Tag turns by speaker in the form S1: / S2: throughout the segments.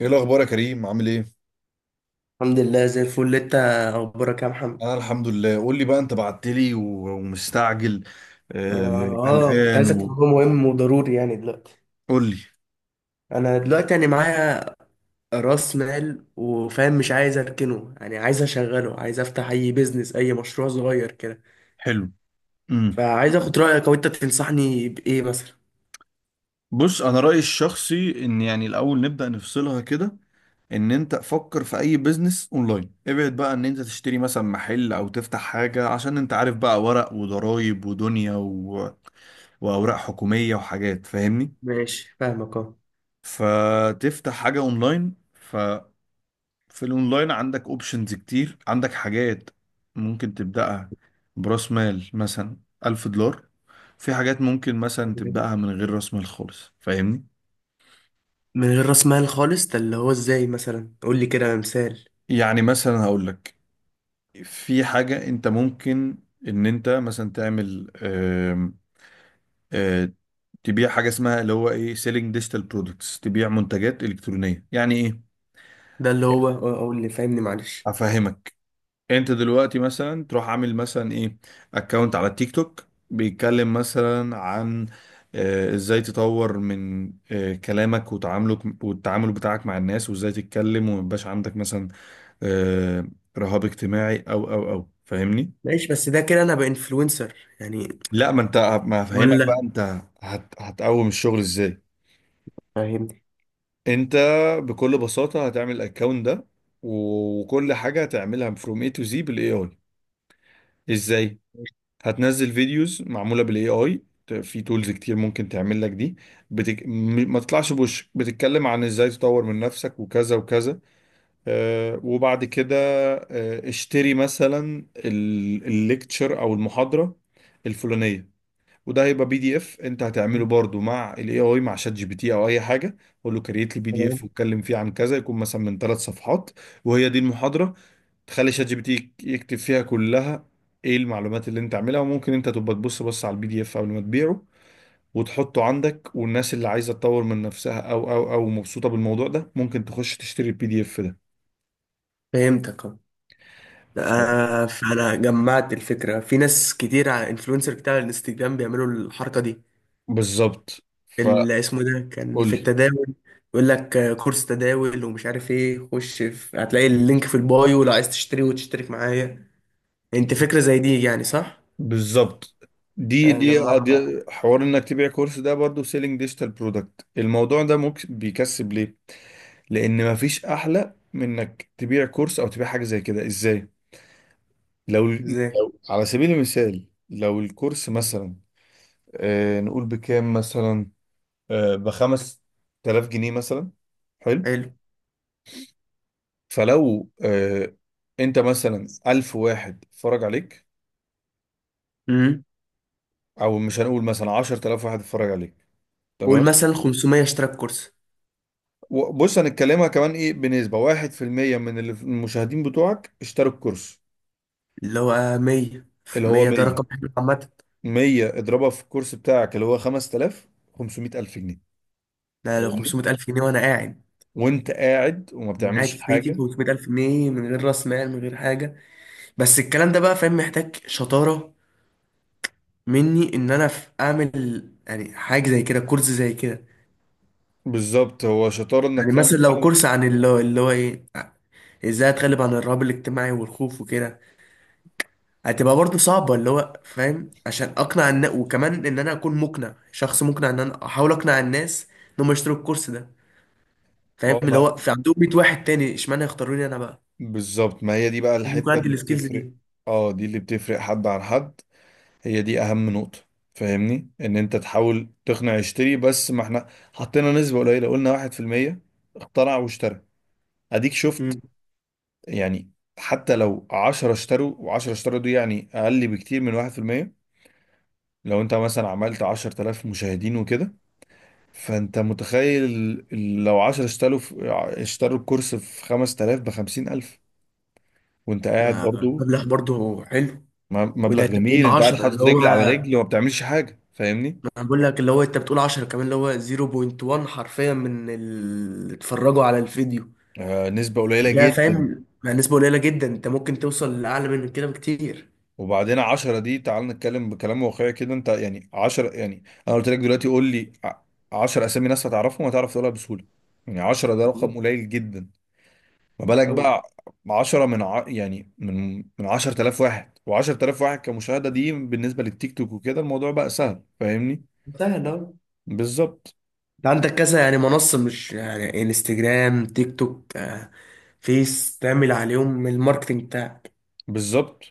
S1: ايه الاخبار يا كريم، عامل ايه؟
S2: الحمد لله زي الفل. انت اخبارك يا محمد؟
S1: انا الحمد لله. قول لي بقى، انت بعت لي ومستعجل،
S2: وانا
S1: آه
S2: كنت
S1: قلقان
S2: عايزك في موضوع مهم وضروري يعني دلوقتي.
S1: قول لي.
S2: انا دلوقتي يعني معايا راس مال، وفاهم مش عايز اركنه، يعني عايز اشغله، عايز افتح اي بيزنس اي مشروع صغير كده.
S1: حلو. امم
S2: فعايز اخد رايك او انت تنصحني بايه مثلا.
S1: بص، انا رايي الشخصي ان يعني الاول نبدا نفصلها كده. ان انت فكر في اي بيزنس اونلاين، ابعد بقى ان انت تشتري مثلا محل او تفتح حاجه، عشان انت عارف بقى، ورق وضرايب ودنيا واوراق حكوميه وحاجات، فاهمني.
S2: ماشي، فاهمك اه.
S1: فتفتح حاجه اونلاين. في الاونلاين عندك اوبشنز كتير، عندك حاجات ممكن تبدأها براس مال مثلا $1000، في حاجات ممكن مثلا تبدأها من غير راس مال خالص، فاهمني.
S2: من غير راس مال خالص، ده اللي هو ازاي؟ مثلا قول لي كده مثال.
S1: يعني مثلا هقول لك، في حاجة انت ممكن ان انت مثلا تعمل، آم، آه، تبيع حاجة اسمها اللي هو ايه، سيلينج ديجيتال برودكتس، تبيع منتجات إلكترونية. يعني ايه؟
S2: ده اللي هو قول لي فاهمني معلش.
S1: افهمك. انت دلوقتي مثلا تروح عامل مثلا ايه، اكونت على التيك توك، بيتكلم مثلا عن ازاي تطور من كلامك وتعاملك، والتعامل بتاعك مع الناس، وازاي تتكلم، وما يبقاش عندك مثلا آه، رهاب اجتماعي او فاهمني.
S2: ماشي، بس ده كده انا بانفلونسر يعني؟
S1: لا، ما انت، ما هفهمك بقى
S2: ولا
S1: انت هتقوم الشغل ازاي.
S2: فاهمني؟
S1: انت بكل بساطة هتعمل الاكونت ده، وكل حاجة هتعملها من فروم اي تو زي بالاي اي. ازاي؟ هتنزل فيديوز معموله بالاي اي، في تولز كتير ممكن تعمل لك دي. ما تطلعش بوشك بتتكلم عن ازاي تطور من نفسك وكذا وكذا. آه، وبعد كده آه، اشتري مثلا الليكتشر او المحاضره الفلانيه، وده هيبقى بي دي اف انت هتعمله برضو مع الاي اي، مع شات جي بي تي او اي حاجه. قول له كريت لي بي دي اف واتكلم فيه عن كذا، يكون مثلا من ثلاث صفحات وهي دي المحاضره. تخلي شات جي بي تي يكتب فيها كلها ايه المعلومات اللي انت عاملها، وممكن انت تبقى تبص بس على البي دي اف قبل ما تبيعه وتحطه عندك. والناس اللي عايزه تطور من نفسها او مبسوطه بالموضوع ده، ممكن تخش تشتري البي دي اف ده.
S2: فهمتك اه.
S1: ف-
S2: فانا جمعت الفكره في ناس كتير على انفلونسر بتاع الانستجرام بيعملوا الحركه دي،
S1: بالظبط. فقول
S2: اللي اسمه ده كان في التداول. يقول لك كورس تداول ومش عارف ايه، خش في هتلاقي اللينك في البايو لو عايز تشتري وتشترك معايا. انت
S1: لي.
S2: فكره زي دي يعني صح؟
S1: بالظبط. دي دي
S2: جمعت بقى.
S1: دي حوار انك تبيع كورس، ده برضو سيلينج ديجيتال برودكت. الموضوع ده ممكن بيكسب ليه؟ لان مفيش احلى من انك تبيع كورس او تبيع حاجه زي كده. ازاي؟
S2: ازاي؟
S1: على سبيل المثال، لو الكورس
S2: مم.
S1: مثلا، آه نقول بكام مثلا، آه بخمس تلاف جنيه مثلا. حلو.
S2: حلو.
S1: فلو آه، انت مثلا 1000 واحد اتفرج عليك،
S2: امم
S1: او مش هنقول، مثلا 10000 واحد اتفرج عليك. تمام.
S2: قول مثلا 500 اشترك كورس،
S1: بص، هنتكلمها كمان ايه، بنسبة واحد في المية من المشاهدين بتوعك اشتروا الكورس
S2: اللي هو 100.
S1: اللي هو
S2: 100
S1: تمام
S2: ده
S1: مية.
S2: رقم حلو عامه.
S1: مية اضربها في الكورس بتاعك اللي هو 5000، 500,000 جنيه.
S2: ده لو
S1: فاهمني.
S2: 500000 جنيه وانا قاعد.
S1: وانت قاعد وما
S2: أنا قاعد
S1: بتعملش
S2: في بيتي ب
S1: حاجة.
S2: 500000 جنيه من غير راس مال، من غير حاجه. بس الكلام ده بقى فاهم، محتاج شطاره مني ان انا في اعمل يعني حاجه زي كده، كورس زي كده.
S1: بالظبط، هو شطار انك
S2: يعني
S1: تعمل
S2: مثلا لو
S1: فعلا.
S2: كورس عن اللي هو ايه، ازاي اتغلب عن الرهاب الاجتماعي والخوف وكده، هتبقى برضه صعبه اللي هو فاهم، عشان اقنع الناس، وكمان ان انا اكون مقنع، شخص مقنع، ان انا احاول اقنع الناس ان هم يشتروا الكورس ده. فاهم
S1: اه،
S2: اللي
S1: ما
S2: هو في عندهم 100 واحد تاني، اشمعنى يختاروني انا بقى؟
S1: بالظبط، ما هي دي بقى
S2: لازم يكون
S1: الحتة
S2: عندي
S1: اللي
S2: السكيلز
S1: بتفرق.
S2: دي.
S1: اه، دي اللي بتفرق حد عن حد، هي دي اهم نقطة. فاهمني، ان انت تحاول تقنع يشتري، بس ما احنا حطينا نسبة قليلة، قلنا واحد في المية اخترع واشترى. اديك شفت يعني. حتى لو 10 اشتروا و10 اشتروا، دي يعني اقل بكتير من 1%. لو انت مثلا عملت 10,000 مشاهدين وكده، فانت متخيل، لو 10 اشتروا في اشتروا الكورس في 5000، ب 50000، وانت قاعد برضو.
S2: مبلغ برضه حلو. وده
S1: مبلغ
S2: انت
S1: جميل،
S2: بتقول
S1: انت قاعد
S2: 10،
S1: حاطط
S2: اللي هو،
S1: رجل على رجل وما بتعملش حاجة، فاهمني.
S2: ما انا بقول لك اللي هو انت بتقول 10 كمان اللي هو 0.1 حرفيا من اللي اتفرجوا على الفيديو
S1: آه، نسبة قليلة
S2: ده،
S1: جدا.
S2: فاهم؟ مع نسبة قليلة جدا انت ممكن توصل لأعلى من كده بكتير.
S1: وبعدين عشرة دي، تعال نتكلم بكلام واقعي كده. انت يعني عشرة، يعني انا قلت لك دلوقتي قول لي عشرة اسامي ناس هتعرفهم، هتعرف تقولها بسهولة. يعني عشرة ده رقم
S2: بالظبط.
S1: قليل جدا. ما بالك
S2: أوي.
S1: بقى عشرة يعني من 10,000 واحد، وعشرة آلاف واحد كمشاهدة دي بالنسبة للتيك توك وكده، الموضوع بقى سهل، فاهمني.
S2: سهل أوي.
S1: بالظبط.
S2: انت عندك كذا يعني منصة، مش يعني انستجرام، تيك توك، فيس، تعمل عليهم الماركتنج.
S1: بالظبط.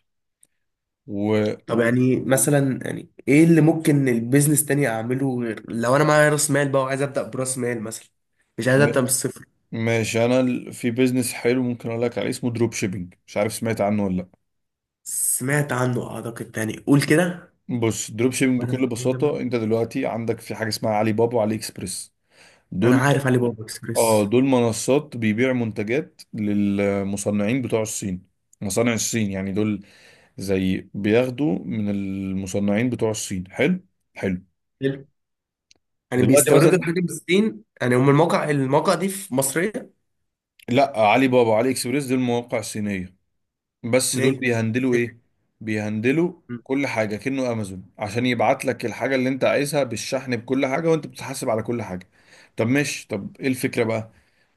S1: و...
S2: طب
S1: و...
S2: يعني مثلا يعني ايه اللي ممكن البيزنس تاني اعمله غير، لو انا معايا راس مال بقى وعايز ابدا براس مال مثلا، مش عايز
S1: م-
S2: ابدا من الصفر.
S1: ماشي. انا في بيزنس حلو ممكن اقول لك عليه، اسمه دروب شيبينج، مش عارف سمعت عنه ولا لأ.
S2: سمعت عنه اعتقد، تاني قول كده.
S1: بص، دروب شيبنج بكل
S2: وانا هو ده
S1: بساطة، انت دلوقتي عندك في حاجة اسمها علي بابا وعلي اكسبريس،
S2: انا
S1: دول.
S2: عارف علي بابا
S1: اه
S2: اكسبريس.
S1: دول منصات بيبيع منتجات للمصنعين بتوع الصين، مصانع الصين يعني دول. زي بياخدوا من المصنعين بتوع الصين. حلو. حلو.
S2: حلو. يعني
S1: دلوقتي
S2: بيستوردوا
S1: مثلا،
S2: الحاجه من الصين، يعني هم الموقع دي في مصريه
S1: لا، علي بابا وعلي اكسبريس دول مواقع صينية. بس دول
S2: صينيه؟
S1: بيهندلوا
S2: حلو.
S1: ايه، بيهندلوا
S2: مم.
S1: كل حاجة كأنه امازون، عشان يبعت لك الحاجة اللي انت عايزها بالشحن بكل حاجة، وانت بتتحاسب على كل حاجة. طب ماشي، طب ايه الفكرة بقى؟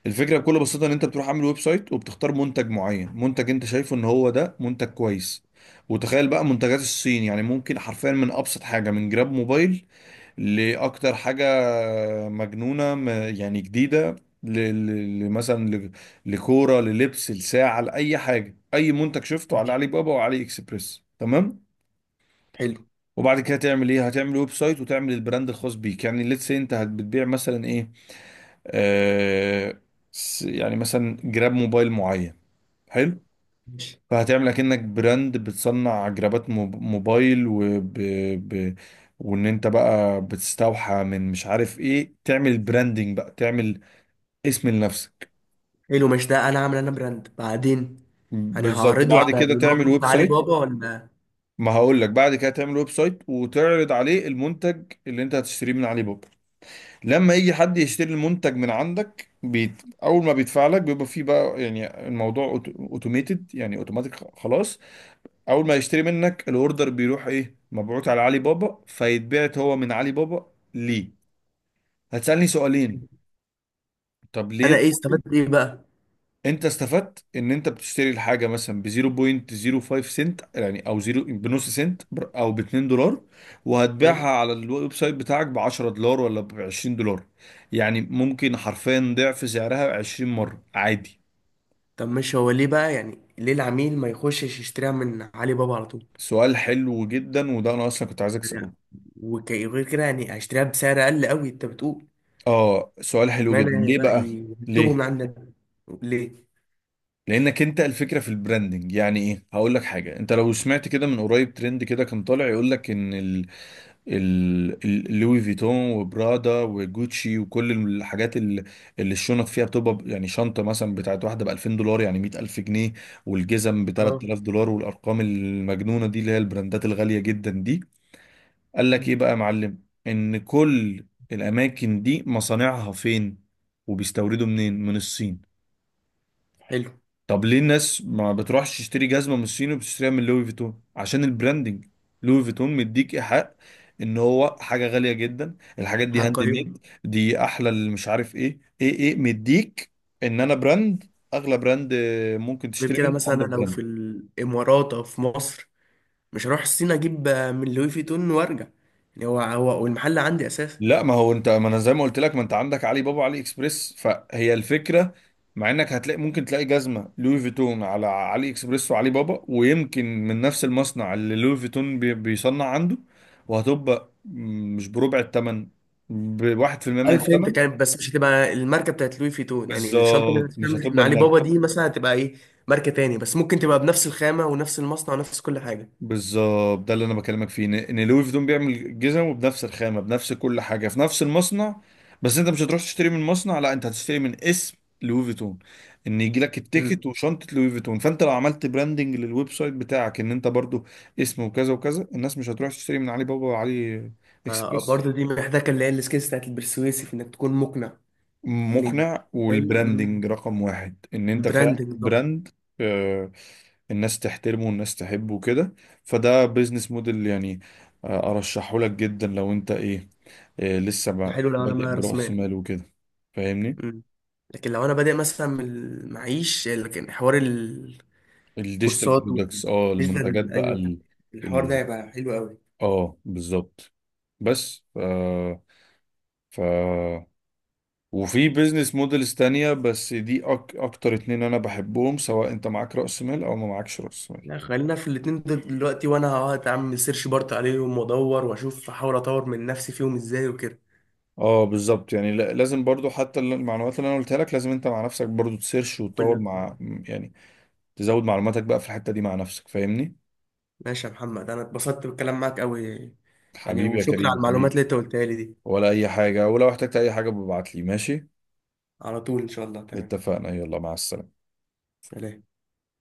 S1: الفكره بكل بساطه، ان انت بتروح عامل ويب سايت وبتختار منتج معين، منتج انت شايفه ان هو ده منتج كويس. وتخيل بقى منتجات الصين، يعني ممكن حرفيا من ابسط حاجه، من جراب موبايل لاكتر حاجه مجنونه، يعني جديده، ل- ل- ل- مثلا ل- لكوره، للبس، لساعه، لاي حاجه، اي منتج شفته على
S2: ماشي.
S1: علي بابا وعلي اكسبريس. تمام.
S2: حلو.
S1: وبعد كده هتعمل ايه، هتعمل ويب سايت وتعمل البراند الخاص بيك. يعني ليتس، بتبيع مثلا ايه، آه، يعني مثلا جراب موبايل معين. حلو.
S2: ماشي.
S1: فهتعمل اكنك براند بتصنع جرابات موبايل ب... وان انت بقى بتستوحى من مش عارف ايه، تعمل براندنج بقى، تعمل اسم لنفسك.
S2: حلو، مش ده انا عامل انا براند بعدين. انا
S1: بالظبط.
S2: هعرضه
S1: وبعد
S2: على
S1: كده تعمل
S2: الموقع
S1: ويب
S2: بتاع علي
S1: سايت.
S2: بابا ولا؟
S1: ما هقول لك، بعد كده تعمل ويب سايت وتعرض عليه المنتج اللي انت هتشتريه من علي بابا. لما يجي حد يشتري المنتج من عندك اول ما بيدفع لك، بيبقى فيه بقى يعني الموضوع اوتوميتد، يعني اوتوماتيك خلاص. اول ما يشتري منك، الاوردر بيروح ايه، مبعوت على علي بابا، فيتبعت هو من علي بابا ليه. هتسألني سؤالين، طب
S2: انا
S1: ليه؟
S2: ايه استفدت ايه بقى؟
S1: انت استفدت ان انت بتشتري الحاجه مثلا ب 0.05 سنت يعني، او زيرو بنص سنت، او ب 2 دولار، وهتبيعها
S2: فاهم.
S1: على الويب سايت بتاعك ب 10 دولار ولا ب 20 دولار. يعني ممكن حرفيا ضعف سعرها 20 مره عادي.
S2: طب مش هو ليه بقى، يعني ليه العميل ما يخشش يشتريها من علي بابا على طول؟
S1: سؤال حلو جدا، وده انا اصلا كنت عايزك تساله.
S2: يعني وغير كده يعني هيشتريها بسعر اقل قوي انت بتقول.
S1: اه، سؤال حلو
S2: اشمعنى
S1: جدا.
S2: يعني
S1: ليه
S2: بقى
S1: بقى؟
S2: يطلبوا من
S1: ليه؟
S2: عندنا؟ ليه؟
S1: لانك انت الفكره في البراندنج. يعني ايه، هقول لك حاجه. انت لو سمعت كده من قريب ترند كده كان طالع يقول لك ان لوي فيتون وبرادا وجوتشي، وكل الحاجات اللي الشنط فيها بتبقى يعني شنطة مثلا بتاعت واحدة ب 2000 دولار، يعني 100000 جنيه، والجزم ب
S2: اه.
S1: 3000 دولار، والأرقام المجنونة دي اللي هي البراندات الغالية جدا دي. قال لك إيه
S2: مم.
S1: بقى يا معلم، إن كل الأماكن دي مصانعها فين، وبيستوردوا منين؟ من الصين.
S2: حلو.
S1: طب ليه الناس ما بتروحش تشتري جزمة من الصين وبتشتريها من لوي فيتون؟ عشان البراندنج. لوي فيتون مديك إيحاء ان هو حاجة غالية جدا، الحاجات دي هاند
S2: هقيمه.
S1: ميد، دي احلى، اللي مش عارف ايه، ايه. مديك ان انا براند، اغلى براند ممكن
S2: غير
S1: تشتري
S2: كده
S1: منه،
S2: مثلا
S1: اندر
S2: أنا لو
S1: براند.
S2: في الامارات او في مصر، مش هروح الصين اجيب من لوي فيتون وارجع. يعني هو هو، والمحل عندي اساسا.
S1: لا، ما هو انت، ما انا زي ما قلت لك، ما انت عندك علي بابا، علي اكسبريس، فهي الفكره. مع انك هتلاقي، ممكن تلاقي جزمه لوي فيتون على علي اكسبريس وعلي بابا، ويمكن من نفس المصنع اللي لوي فيتون بيصنع عنده. وهتبقى مش بربع الثمن، بواحد في المية من
S2: اي فهمت
S1: الثمن.
S2: كانت، بس مش هتبقى الماركه بتاعت لوي فيتون؟ يعني الشنطه اللي
S1: بالظبط، مش
S2: بتتعمل من
S1: هتبقى
S2: علي بابا
S1: الماركه.
S2: دي مثلا هتبقى ايه؟ ماركه تاني، بس ممكن تبقى بنفس الخامه ونفس المصنع ونفس كل حاجه.
S1: بالظبط، ده اللي انا بكلمك فيه، ان إن لوي فيتون بيعمل جزمه بنفس الخامه، بنفس كل حاجه، في نفس المصنع. بس انت مش هتروح تشتري من مصنع، لا انت هتشتري من اسم لوي فيتون، ان يجي لك
S2: مم.
S1: التيكت وشنطه لوي فيتون. فانت لو عملت براندنج للويب سايت بتاعك ان انت برضو اسم وكذا وكذا، الناس مش هتروح تشتري من علي بابا وعلي اكسبريس.
S2: برضه دي محتاجه اللي هي السكيلز بتاعت البرسويسيف، انك تكون مقنع. يعني
S1: مقنع.
S2: فاهم.
S1: والبراندنج رقم واحد، ان انت فعلا
S2: البراندنج طبعا.
S1: براند. آه، الناس تحترمه والناس تحبه وكده. فده بيزنس موديل يعني، ارشحه لك جدا لو انت ايه، لسه
S2: حلو لو انا
S1: بادئ
S2: معايا راس
S1: برأس
S2: مال.
S1: مال وكده، فاهمني.
S2: مم. لكن لو انا بادئ مثلا من المعيش، لكن حوار
S1: الديجيتال
S2: الكورسات
S1: برودكتس، اه،
S2: مش ده
S1: المنتجات بقى
S2: ايوه،
S1: ال
S2: الحوار ده
S1: ال
S2: هيبقى حلو قوي.
S1: اه بالظبط. بس آه، ف وفي بيزنس موديلز تانية، بس دي أكتر اتنين أنا بحبهم، سواء أنت معاك رأس مال أو ما معاكش رأس مال.
S2: لا، خلينا في الاتنين دول دلوقتي، وانا هقعد اعمل سيرش بارت عليهم وادور واشوف، احاول اطور من نفسي فيهم ازاي وكده.
S1: اه بالظبط يعني، لازم برضو حتى المعلومات اللي انا قلتها لك، لازم انت مع نفسك برضو تسيرش
S2: بقول
S1: وتطور
S2: لك
S1: مع،
S2: آه.
S1: يعني تزود معلوماتك بقى في الحتة دي مع نفسك، فاهمني.
S2: ماشي يا محمد، انا اتبسطت بالكلام معاك قوي يعني.
S1: حبيبي يا
S2: وشكرا على
S1: كريم،
S2: المعلومات اللي
S1: حبيبي.
S2: انت قلتها لي دي.
S1: ولا اي حاجة، ولو احتجت اي حاجة ببعت لي ماشي.
S2: على طول ان شاء الله. تمام.
S1: اتفقنا، يلا مع السلامة.
S2: سلام.